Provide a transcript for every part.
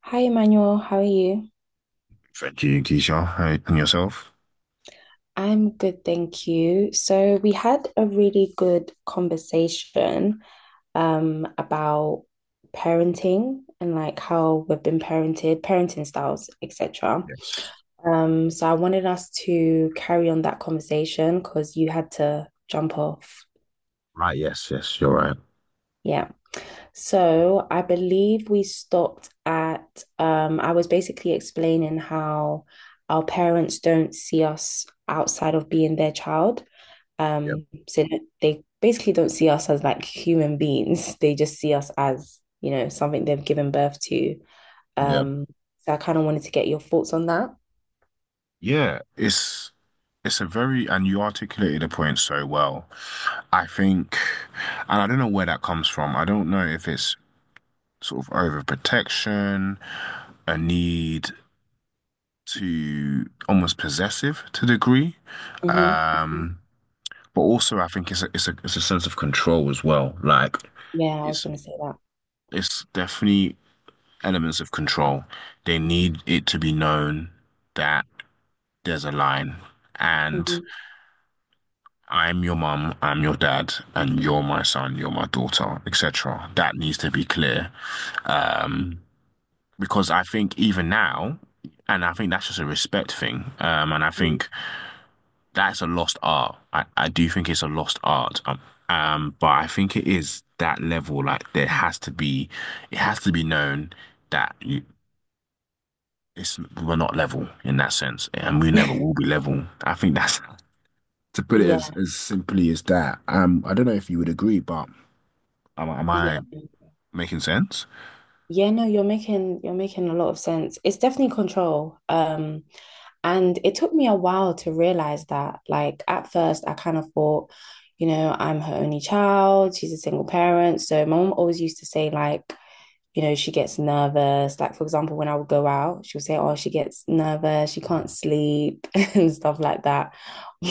Hi, Emmanuel. How are you? Thank you, Keisha. Hey, and yourself? I'm good, thank you. So we had a really good conversation about parenting and like how we've been parented, parenting styles, etc. Yes. So I wanted us to carry on that conversation because you had to jump off. Right. Yes. Yes. You're right. Yeah. So I believe we stopped at I was basically explaining how our parents don't see us outside of being their child. Yeah. So they basically don't see us as like human beings. They just see us as, you know, something they've given birth to. Yeah. Um, so I kind of wanted to get your thoughts on that. Yeah, it's a very, and you articulated the point so well. I think, and I don't know where that comes from. I don't know if it's sort of overprotection, a need to almost possessive to a degree. Hmm. Um, but also I think it's a sense of control as well. Like Yeah, I was it's gonna say that. it's definitely elements of control. They need it to be known that there's a line and Hmm. I'm your mum, I'm your dad, and you're my son, you're my daughter, etc. That needs to be clear. Um, because I think even now, and I think that's just a respect thing. And I think that's a lost art. I do think it's a lost art. But I think it is that level. Like there has to be, it has to be known that you, it's we're not level in that sense, and we never will be level. I think that's to put it Yeah, as simply as that. I don't know if you would agree, but am I yeah. making sense? Yeah, no, you're making a lot of sense. It's definitely control. And it took me a while to realize that. Like at first, I kind of thought, you know, I'm her only child. She's a single parent, so my mom always used to say like, you know, she gets nervous. Like for example, when I would go out, she would say, "Oh, she gets nervous. She can't sleep and stuff like that."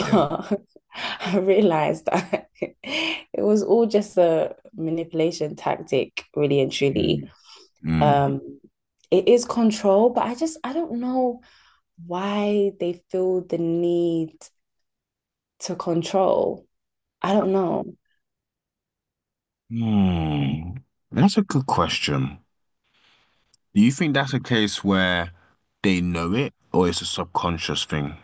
Yeah. I realized that it was all just a manipulation tactic, really and truly Mm, mm. um, it is control, but I just I don't know why they feel the need to control. I don't know. Hmm. That's a good question. Do you think that's a case where they know it, or it's a subconscious thing?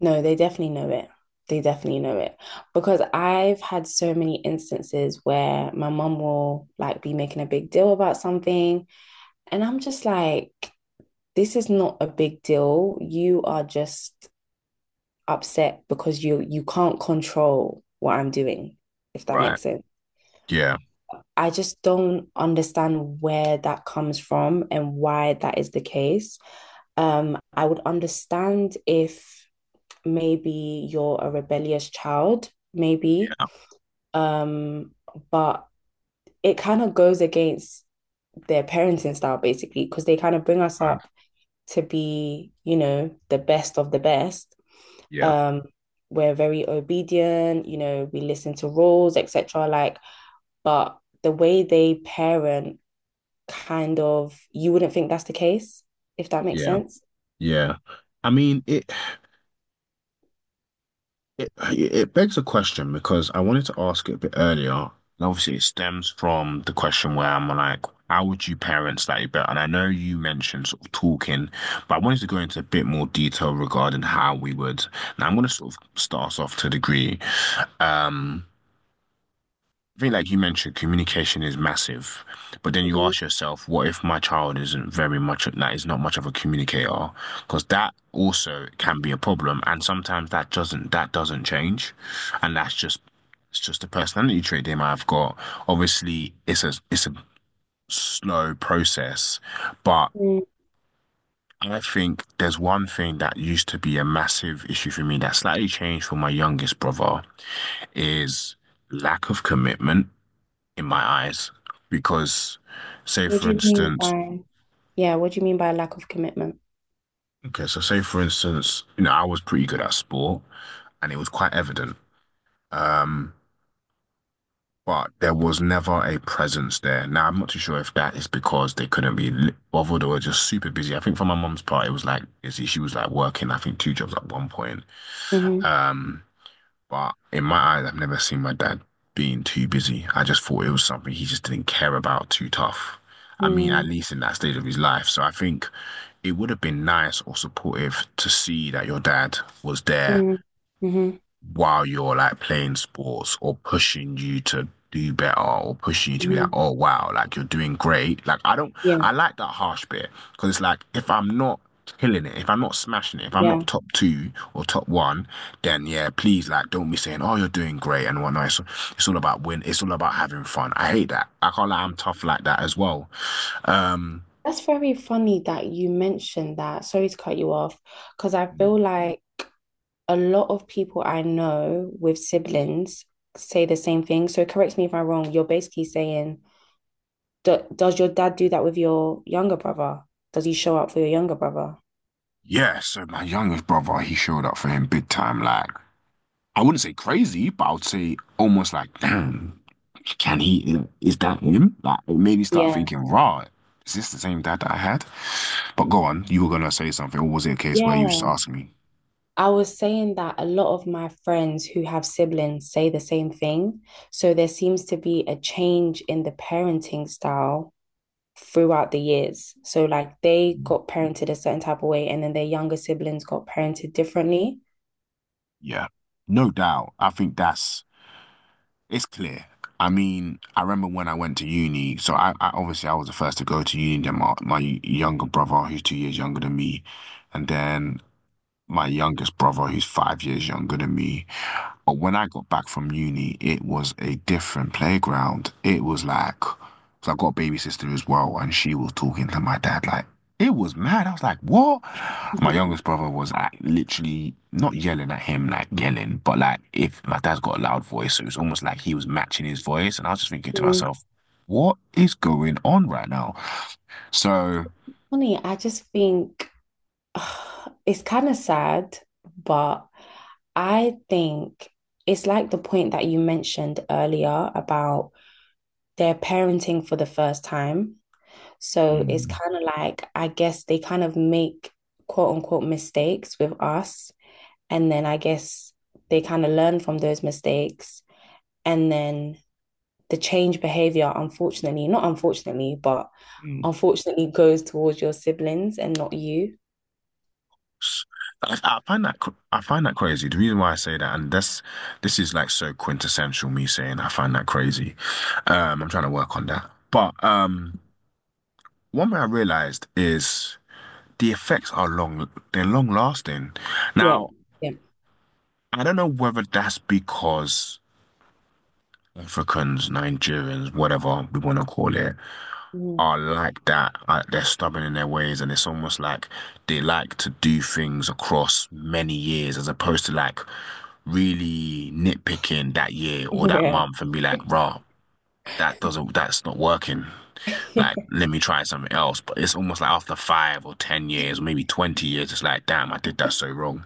No, they definitely know it. They definitely know it because I've had so many instances where my mum will like be making a big deal about something, and I'm just like, this is not a big deal. You are just upset because you can't control what I'm doing, if that Right. makes sense. Yeah. I just don't understand where that comes from and why that is the case. I would understand if maybe you're a rebellious child, maybe, Yeah. um, but it kind of goes against their parenting style basically because they kind of bring us Right. up to be, you know, the best of the best. Yeah. Um, we're very obedient, you know, we listen to rules, etc. Like, but the way they parent kind of you wouldn't think that's the case, if that makes Yeah. sense. Yeah. I mean, it. It begs a question because I wanted to ask it a bit earlier. And obviously, it stems from the question where I'm like, how would you parent slightly better? And I know you mentioned sort of talking, but I wanted to go into a bit more detail regarding how we would. Now, I'm going to sort of start us off to a degree. Um, I think, like you mentioned, communication is massive. But then you Mhm. ask yourself, what if my child isn't very much, that is not much of a communicator? Because that also can be a problem. And sometimes that doesn't change. And that's just, it's just a personality trait they might have got. Obviously, it's a slow process, but Mm. I think there's one thing that used to be a massive issue for me that slightly changed for my youngest brother is lack of commitment in my eyes because say What for do you mean instance by? Yeah, what do you mean by lack of commitment? Say for instance, I was pretty good at sport, and it was quite evident. um but there was never a presence there. Now, I'm not too sure if that is because they couldn't be bothered or were just super busy. I think for my mom's part, it was like busy. She was like working I think two jobs at one point. Hmm. um but in my eyes, I've never seen my dad being too busy. I just thought it was something he just didn't care about too tough. I mean, at Mm. least in that stage of his life. So I think it would have been nice or supportive to see that your dad was there Mm. Hmm. while you're like playing sports or pushing you to do better or pushing you to be like, Hmm. oh wow, like you're doing great. Like I don't, I Yeah, like that harsh bit because it's like if I'm not killing it, if I'm not smashing it, if I'm yeah. not top two or top one, then yeah, please like don't be saying, oh, you're doing great and whatnot. It's all about win. It's all about having fun. I hate that. I can't lie, I'm tough like that as well. Um, That's very funny that you mentioned that. Sorry to cut you off, because I feel like a lot of people I know with siblings say the same thing. So correct me if I'm wrong. You're basically saying, do, does your dad do that with your younger brother? Does he show up for your younger brother? Yeah, so my youngest brother, he showed up for him big time. Like, I wouldn't say crazy, but I would say almost like, damn, can he, is that him? Like, it made me start Yeah. thinking, right, is this the same dad that I had? But go on, you were gonna say something, or was it a case where you just Yeah. asked me? I was saying that a lot of my friends who have siblings say the same thing. So there seems to be a change in the parenting style throughout the years. So, like, they got parented a certain type of way, and then their younger siblings got parented differently. Yeah, no doubt. I think that's, it's clear. I mean, I remember when I went to uni, so I obviously I was the first to go to uni, then my younger brother, who's 2 years younger than me, and then my youngest brother, who's 5 years younger than me. But when I got back from uni, it was a different playground. It was like, 'cause I got a baby sister as well, and she was talking to my dad like, it was mad. I was like, what? My youngest brother was like literally not yelling at him, like yelling, but like if my dad's got a loud voice, so it was almost like he was matching his voice. And I was just thinking to Mm. myself, what is going on right now? So. Funny, I just think it's kind of sad, but I think it's like the point that you mentioned earlier about their parenting for the first time. So it's Mm. kind of like, I guess they kind of make quote unquote mistakes with us. And then I guess they kind of learn from those mistakes. And then the change behavior, unfortunately, not unfortunately, but unfortunately goes towards your siblings and not you. I find that crazy. The reason why I say that, and this is like so quintessential me saying I find that crazy. I'm trying to work on that. But one thing I realized is the effects are long, they're long lasting. Yeah. Now, Yeah. I don't know whether that's because Africans, Nigerians, whatever we want to call it, Mm. are like that. They're stubborn in their ways, and it's almost like they like to do things across many years as opposed to like really nitpicking that year or that month and be like, rah, that's not working. Yeah. Like, let me try something else. But it's almost like after 5 or 10 years, or maybe 20 years, it's like, damn, I did that so wrong.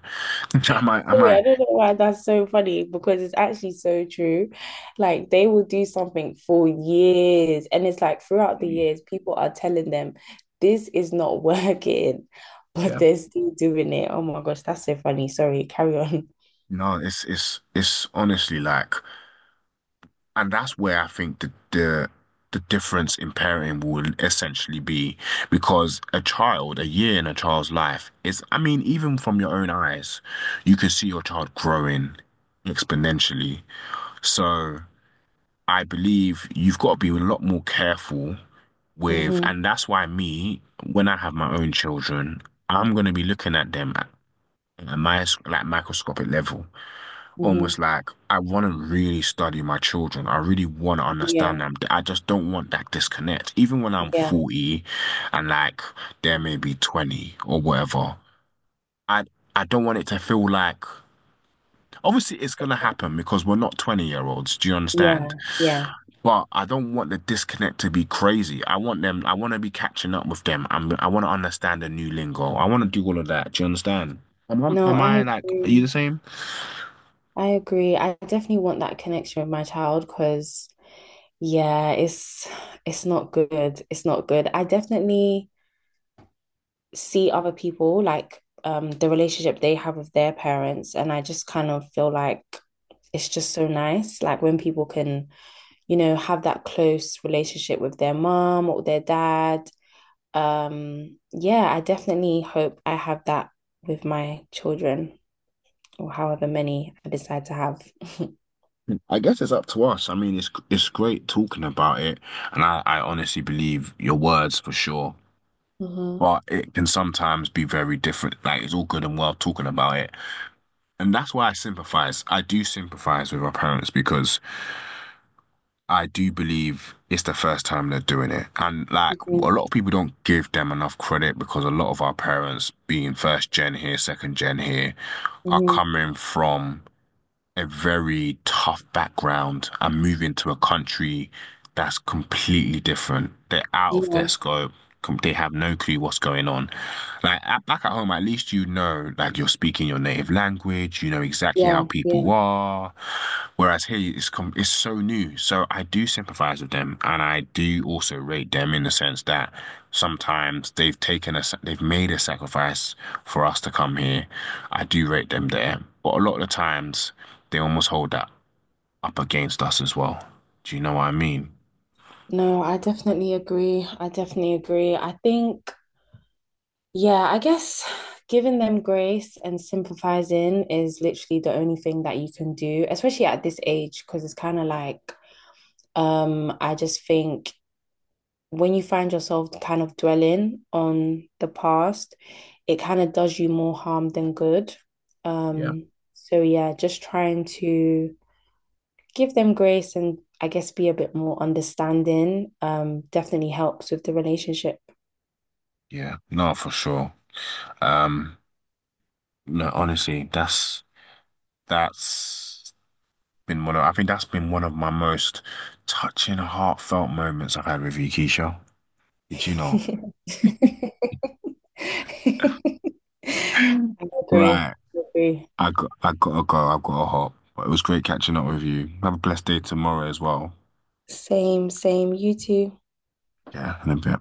am I, am Sorry, I, I don't know why that's so funny because it's actually so true. Like they will do something for years, and it's like throughout the years, people are telling them this is not working, but Yeah. they're still doing it. Oh my gosh, that's so funny. Sorry, carry on. No, it's honestly like, and that's where I think the difference in parenting will essentially be because a child, a year in a child's life is, I mean, even from your own eyes, you can see your child growing exponentially. So I believe you've got to be a lot more careful with, Hmm. and that's why me, when I have my own children, I'm going to be looking at them at a microscopic level, Hmm. almost like I want to really study my children. I really want to understand Yeah, them. I just don't want that disconnect. Even when I'm yeah, 40 and like they're maybe 20 or whatever, I I don't want it to feel like obviously it's gonna happen because we're not 20-year-olds. Do you understand? yeah, yeah. But I don't want the disconnect to be crazy. I want to be catching up with them. I want to understand the new lingo. I want to do all of that. Do you understand? Am, I- No, am I I like, are you the agree. same? I agree. I definitely want that connection with my child because yeah, it's not good. It's not good. I definitely see other people like the relationship they have with their parents and I just kind of feel like it's just so nice like when people can, you know, have that close relationship with their mom or their dad. Yeah, I definitely hope I have that with my children or however many I decide to have. I guess it's up to us. I mean, it's great talking about it, and I honestly believe your words for sure. Hmm. But it can sometimes be very different. Like it's all good and well talking about it, and that's why I sympathize. I do sympathize with our parents because I do believe it's the first time they're doing it, and like a Mhm. lot of people don't give them enough credit because a lot of our parents, being first gen here, second gen here, are Mhm. coming from a very tough background and move into a country that's completely different. They're out of their Yeah, scope. They have no clue what's going on. Back at home, at least you know, like you're speaking your native language. You know exactly how yeah, people yeah. are. Whereas here, it's so new. So I do sympathize with them, and I do also rate them in the sense that sometimes they've made a sacrifice for us to come here. I do rate them there, but a lot of the times they almost hold that up against us as well. Do you know what I mean? No, I definitely agree. I definitely agree. I think, yeah, I guess giving them grace and sympathizing is literally the only thing that you can do, especially at this age, because it's kind of like, I just think when you find yourself kind of dwelling on the past, it kind of does you more harm than good. Yeah. Um, so yeah, just trying to give them grace and I guess be a bit more understanding definitely helps with the relationship. Yeah, no, for sure. Um, no, honestly, that's been one of I think that's been one of my most touching, heartfelt moments I've had with you, Keisha. Did you know? I agree. Right, I agree. I gotta go. I've gotta hop. But it was great catching up with you. Have a blessed day tomorrow as well. Same, same. You too. Yeah, in a bit.